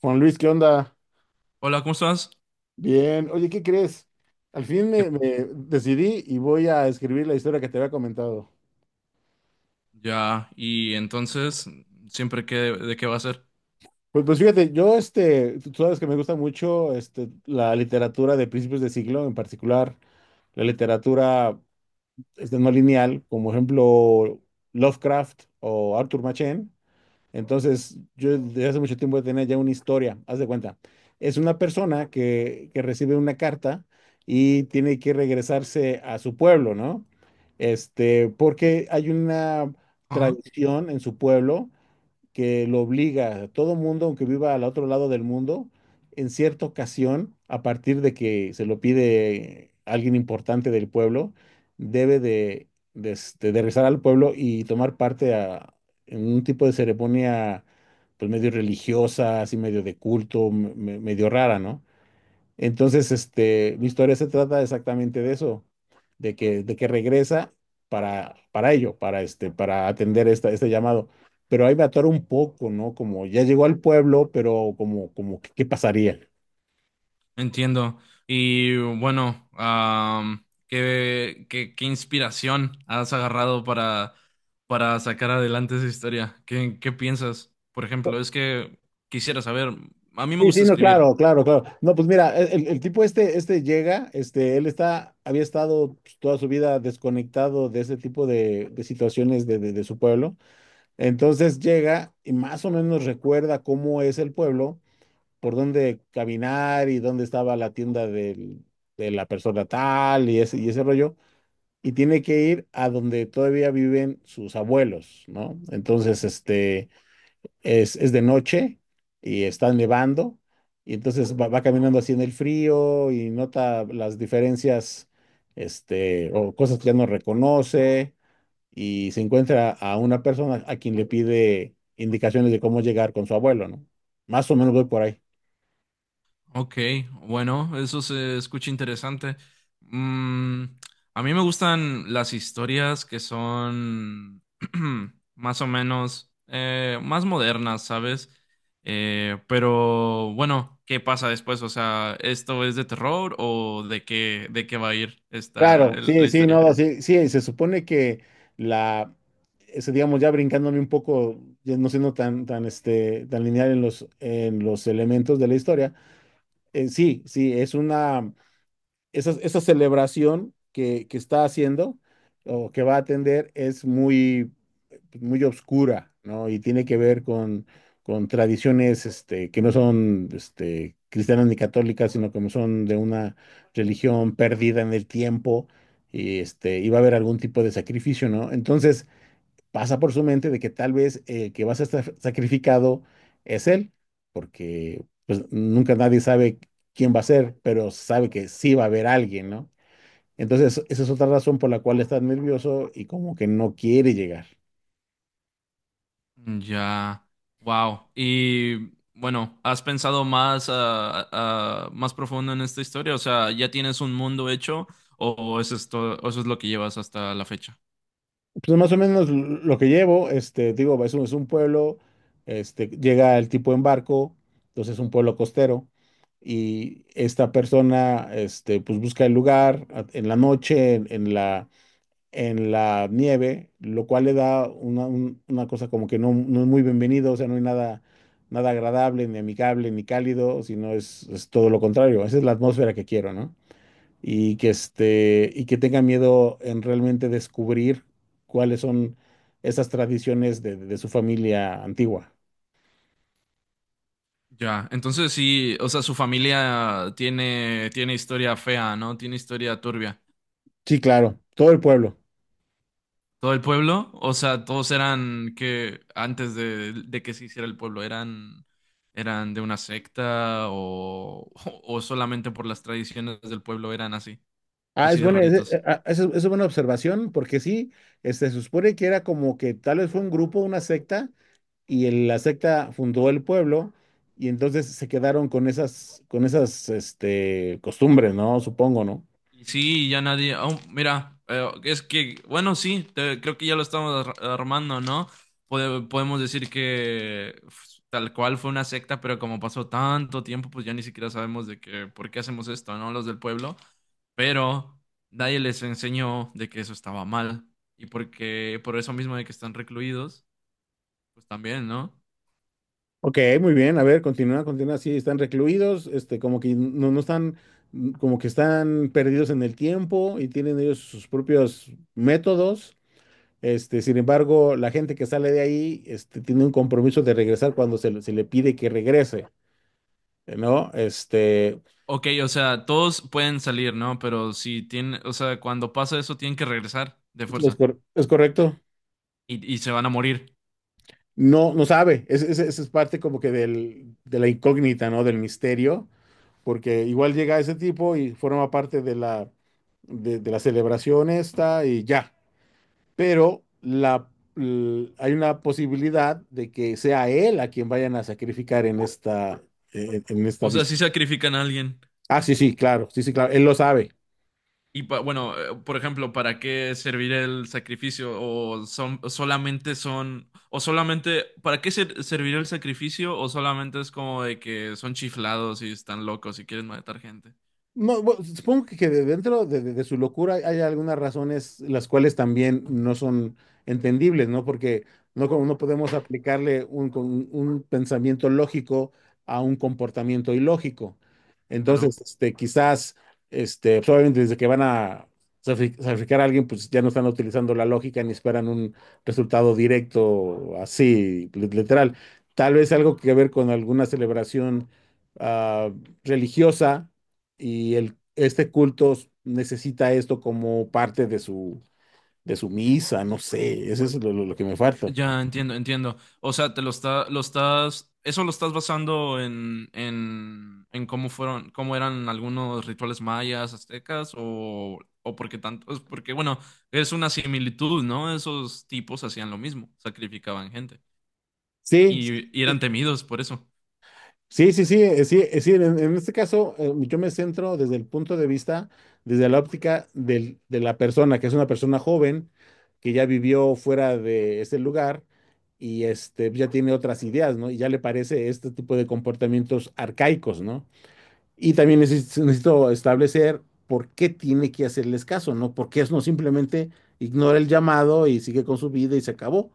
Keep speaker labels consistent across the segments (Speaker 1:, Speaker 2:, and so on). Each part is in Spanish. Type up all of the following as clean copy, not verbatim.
Speaker 1: Juan Luis, ¿qué onda?
Speaker 2: Hola, ¿cómo estás?
Speaker 1: Bien. Oye, ¿qué crees? Al fin
Speaker 2: ¿Qué
Speaker 1: me,
Speaker 2: pasó?
Speaker 1: me decidí y voy a escribir la historia que te había comentado.
Speaker 2: Ya, y entonces, siempre que, ¿de qué va a ser?
Speaker 1: Pues fíjate, yo, tú sabes que me gusta mucho la literatura de principios de siglo, en particular la literatura no lineal, como ejemplo Lovecraft o Arthur Machen. Entonces, yo desde hace mucho tiempo tenía ya una historia, haz de cuenta. Es una persona que recibe una carta y tiene que regresarse a su pueblo, ¿no? Este, porque hay una
Speaker 2: Ajá.
Speaker 1: tradición en su pueblo que lo obliga a todo mundo, aunque viva al otro lado del mundo, en cierta ocasión, a partir de que se lo pide alguien importante del pueblo, debe este, de regresar al pueblo y tomar parte en un tipo de ceremonia, pues medio religiosa, así medio de culto, medio rara, ¿no? Entonces, este, mi historia se trata exactamente de eso, de que regresa para ello, este, para atender esta, este llamado. Pero ahí me atoro un poco, ¿no? Como ya llegó al pueblo, pero como, qué pasaría?
Speaker 2: Entiendo. Y bueno, ¿qué, qué, qué inspiración has agarrado para sacar adelante esa historia? ¿Qué, qué piensas? Por ejemplo, es que quisiera saber, a mí me
Speaker 1: Sí, sí,
Speaker 2: gusta
Speaker 1: no,
Speaker 2: escribir.
Speaker 1: claro, claro, claro. No, pues mira, el- tipo este, este llega, este, él está, había estado pues, toda su vida desconectado de ese tipo de situaciones de su pueblo. Entonces llega y más o menos recuerda cómo es el pueblo, por dónde caminar y dónde estaba la tienda del- de la persona tal y ese rollo. Y tiene que ir a donde todavía viven sus abuelos, ¿no? Entonces, este, es de noche y está nevando. Y entonces va caminando así en el frío y nota las diferencias, este, o cosas que ya no reconoce y se encuentra a una persona a quien le pide indicaciones de cómo llegar con su abuelo, ¿no? Más o menos voy por ahí.
Speaker 2: Ok, bueno, eso se escucha interesante. Mm, a mí me gustan las historias que son más o menos más modernas, ¿sabes? Pero bueno, ¿qué pasa después? O sea, ¿esto es de terror o de qué va a ir esta,
Speaker 1: Claro,
Speaker 2: la
Speaker 1: sí, sí,
Speaker 2: historia?
Speaker 1: no, sí, sí, se supone que la, ese, digamos, ya brincándome un poco, ya no siendo este, tan lineal en los elementos de la historia, sí, sí, es una, esa celebración que está haciendo o que va a atender es muy pues, muy oscura, ¿no? Y tiene que ver con tradiciones que no son cristianas ni católicas, sino que son de una religión perdida en el tiempo y este, iba a haber algún tipo de sacrificio, ¿no? Entonces pasa por su mente de que tal vez el que va a ser sacrificado es él, porque pues nunca nadie sabe quién va a ser, pero sabe que sí va a haber alguien, ¿no? Entonces, esa es otra razón por la cual está nervioso y como que no quiere llegar.
Speaker 2: Ya, wow. Y bueno, ¿has pensado más, más profundo en esta historia? O sea, ¿ya tienes un mundo hecho o eso es todo, o eso es lo que llevas hasta la fecha?
Speaker 1: Pues más o menos lo que llevo, este, digo, es un pueblo, este, llega el tipo en barco, entonces es un pueblo costero, y esta persona, este, pues busca el lugar a- en la noche, en la nieve, lo cual le da una, un- una cosa como que no, no es muy bienvenido, o sea, no hay nada, nada agradable, ni amigable, ni cálido, sino es todo lo contrario, esa es la atmósfera que quiero, ¿no? Y que este y que tenga miedo en realmente descubrir cuáles son esas tradiciones de su familia antigua.
Speaker 2: Ya, entonces sí, o sea, su familia tiene, tiene historia fea, ¿no? Tiene historia turbia.
Speaker 1: Sí, claro, todo el pueblo.
Speaker 2: ¿Todo el pueblo? O sea, todos eran que antes de que se hiciera el pueblo, eran, eran de una secta o, o solamente por las tradiciones del pueblo eran así,
Speaker 1: Ah, es
Speaker 2: así de
Speaker 1: buena,
Speaker 2: raritos.
Speaker 1: esa es buena observación, porque sí, este, se supone que era como que tal vez fue un grupo, una secta, y la secta fundó el pueblo, y entonces se quedaron con esas, este, costumbres, ¿no? Supongo, ¿no?
Speaker 2: Y sí, ya nadie. Oh, mira, es que, bueno, sí, creo que ya lo estamos armando, ¿no? Podemos decir que tal cual fue una secta, pero como pasó tanto tiempo, pues ya ni siquiera sabemos de que, por qué hacemos esto, ¿no? Los del pueblo. Pero nadie les enseñó de que eso estaba mal. Y porque, por eso mismo de que están recluidos, pues también, ¿no?
Speaker 1: Ok, muy bien. A ver, continúa, continúa. Sí, están recluidos, este, como que no, no están, mm, como que están perdidos en el tiempo y tienen ellos sus propios métodos. Este, sin embargo, la gente que sale de ahí, este, tiene un compromiso de regresar cuando se le pide que regrese, ¿no? Este,
Speaker 2: Ok, o sea, todos pueden salir, ¿no? Pero si tienen, o sea, cuando pasa eso, tienen que regresar de
Speaker 1: es,
Speaker 2: fuerza.
Speaker 1: es correcto.
Speaker 2: Y se van a morir.
Speaker 1: No, no sabe. Es parte como que del, de la incógnita, ¿no? Del misterio. Porque igual llega ese tipo y forma parte de la celebración esta y ya. Pero la, l- hay una posibilidad de que sea él a quien vayan a sacrificar en esta, en esta
Speaker 2: O sea, si
Speaker 1: vista.
Speaker 2: sacrifican a alguien.
Speaker 1: Ah, sí, sí, claro, sí, sí, claro, él lo sabe.
Speaker 2: Y bueno, por ejemplo, ¿para qué servirá el sacrificio? O son solamente son o solamente ¿para qué servirá el sacrificio? O solamente es como de que son chiflados y están locos y quieren matar gente.
Speaker 1: No, bueno, supongo que dentro de, de su locura hay, hay algunas razones las cuales también no son entendibles, ¿no? Porque no, como no podemos aplicarle un, un pensamiento lógico a un comportamiento ilógico.
Speaker 2: Claro.
Speaker 1: Entonces, este, quizás, este, pues, obviamente desde que van a sacrificar a alguien, pues ya no están utilizando la lógica ni esperan un resultado directo así, literal. Tal vez algo que ver con alguna celebración ah, religiosa y el, este culto necesita esto como parte de su misa, no sé, eso es lo, lo que me falta.
Speaker 2: Ya entiendo, entiendo. O sea, te lo está, lo estás, eso lo estás basando en cómo fueron, cómo eran algunos rituales mayas, aztecas, o porque tanto, es porque bueno, es una similitud, ¿no? Esos tipos hacían lo mismo, sacrificaban gente
Speaker 1: Sí,
Speaker 2: y eran temidos por eso.
Speaker 1: sí, sí, sí, sí, sí, en este caso yo me centro desde el punto de vista, desde la óptica de la persona, que es una persona joven que ya vivió fuera de ese lugar y este, ya tiene otras ideas, ¿no? Y ya le parece este tipo de comportamientos arcaicos, ¿no? Y también necesito establecer por qué tiene que hacerles caso, ¿no? Porque es no simplemente ignora el llamado y sigue con su vida y se acabó.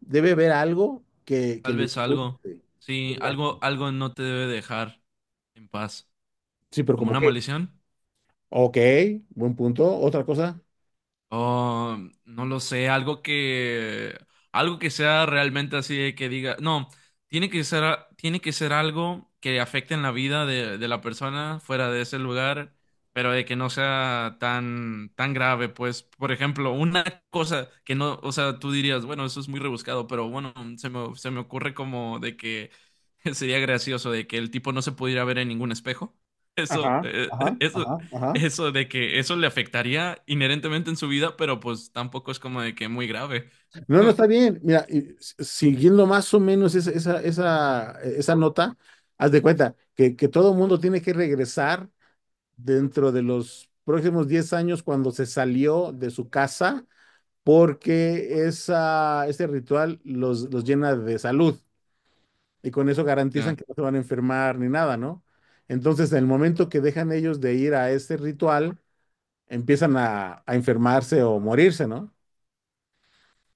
Speaker 1: Debe haber algo que
Speaker 2: Tal
Speaker 1: lo
Speaker 2: vez algo,
Speaker 1: impulse.
Speaker 2: sí,
Speaker 1: Exacto.
Speaker 2: algo, algo no te debe dejar en paz,
Speaker 1: Sí, pero
Speaker 2: como
Speaker 1: como
Speaker 2: una
Speaker 1: que,
Speaker 2: maldición.
Speaker 1: ok, buen punto. Otra cosa.
Speaker 2: Oh, no lo sé, algo que sea realmente así de que diga, no, tiene que ser tiene que ser algo que afecte en la vida de la persona fuera de ese lugar, pero de que no sea tan tan grave, pues, por ejemplo, una cosa que no, o sea, tú dirías, bueno, eso es muy rebuscado, pero bueno, se me ocurre como de que sería gracioso de que el tipo no se pudiera ver en ningún espejo. Eso,
Speaker 1: Ajá, ajá,
Speaker 2: eso
Speaker 1: ajá, ajá.
Speaker 2: eso de que eso le afectaría inherentemente en su vida, pero pues tampoco es como de que muy grave.
Speaker 1: No, no está bien. Mira, y s- siguiendo más o menos esa nota, haz de cuenta que todo mundo tiene que regresar dentro de los próximos 10 años cuando se salió de su casa porque esa, ese ritual los llena de salud y con eso garantizan
Speaker 2: Ya.
Speaker 1: que no se van a enfermar ni nada, ¿no? Entonces, en el momento que dejan ellos de ir a ese ritual, empiezan a enfermarse o morirse, ¿no?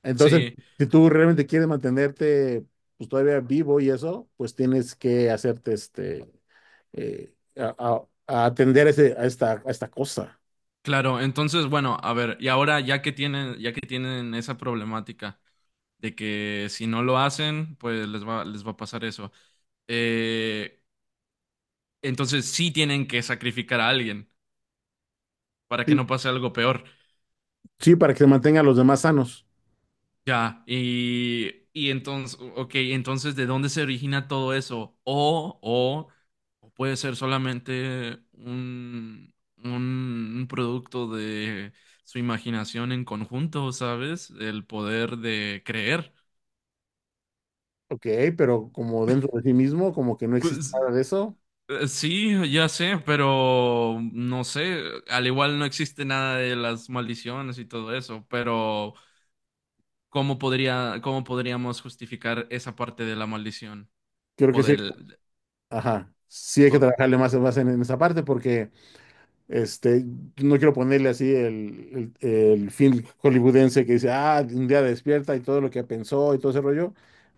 Speaker 1: Entonces,
Speaker 2: Sí,
Speaker 1: si tú realmente quieres mantenerte pues, todavía vivo y eso, pues tienes que hacerte este, a atender a esta cosa.
Speaker 2: claro. Entonces, bueno, a ver, y ahora ya que tienen esa problemática de que si no lo hacen, pues les va a pasar eso. Eh, entonces sí tienen que sacrificar a alguien para que no pase algo peor.
Speaker 1: Sí, para que se mantengan los demás sanos.
Speaker 2: Ya, y entonces, ok, entonces, ¿de dónde se origina todo eso? O puede ser solamente un producto de su imaginación en conjunto, ¿sabes? El poder de creer.
Speaker 1: Ok, pero como dentro de sí mismo, como que no existe
Speaker 2: Pues
Speaker 1: nada de eso,
Speaker 2: sí, ya sé, pero no sé, al igual no existe nada de las maldiciones y todo eso, pero ¿cómo podría, cómo podríamos justificar esa parte de la maldición?
Speaker 1: creo
Speaker 2: O
Speaker 1: que sí.
Speaker 2: del...
Speaker 1: Ajá, sí hay que trabajarle más, más en esa parte porque este, no quiero ponerle así el film hollywoodense que dice, ah, un día despierta y todo lo que pensó y todo ese rollo,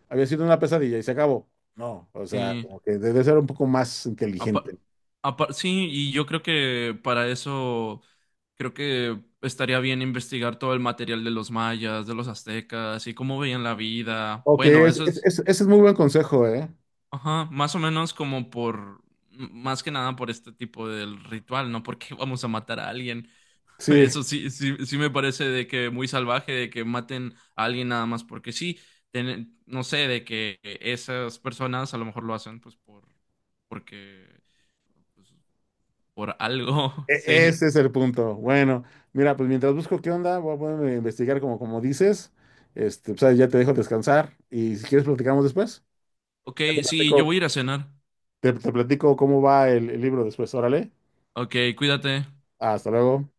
Speaker 1: había sido una pesadilla y se acabó. No, o sea,
Speaker 2: Sí,
Speaker 1: como que debe ser un poco más inteligente.
Speaker 2: apa- sí, y yo creo que para eso, creo que estaría bien investigar todo el material de los mayas, de los aztecas, y cómo veían la vida.
Speaker 1: Ok,
Speaker 2: Bueno, eso es,
Speaker 1: ese es muy buen consejo, ¿eh?
Speaker 2: ajá, más o menos como por, más que nada por este tipo del ritual, ¿no? Porque vamos a matar a alguien.
Speaker 1: Sí.
Speaker 2: Eso sí, sí, sí me parece de que muy salvaje, de que maten a alguien nada más porque sí, no sé, de que esas personas a lo mejor lo hacen pues por, porque pues, por algo,
Speaker 1: E-
Speaker 2: sí.
Speaker 1: Ese es el punto. Bueno, mira, pues mientras busco qué onda, voy a ponerme a investigar como, como dices. Este, pues, ahí ya te dejo descansar y si quieres platicamos después.
Speaker 2: Ok,
Speaker 1: Ya te
Speaker 2: sí, yo voy
Speaker 1: platico,
Speaker 2: a ir a cenar.
Speaker 1: te platico cómo va el libro después. Órale,
Speaker 2: Ok, cuídate.
Speaker 1: hasta luego.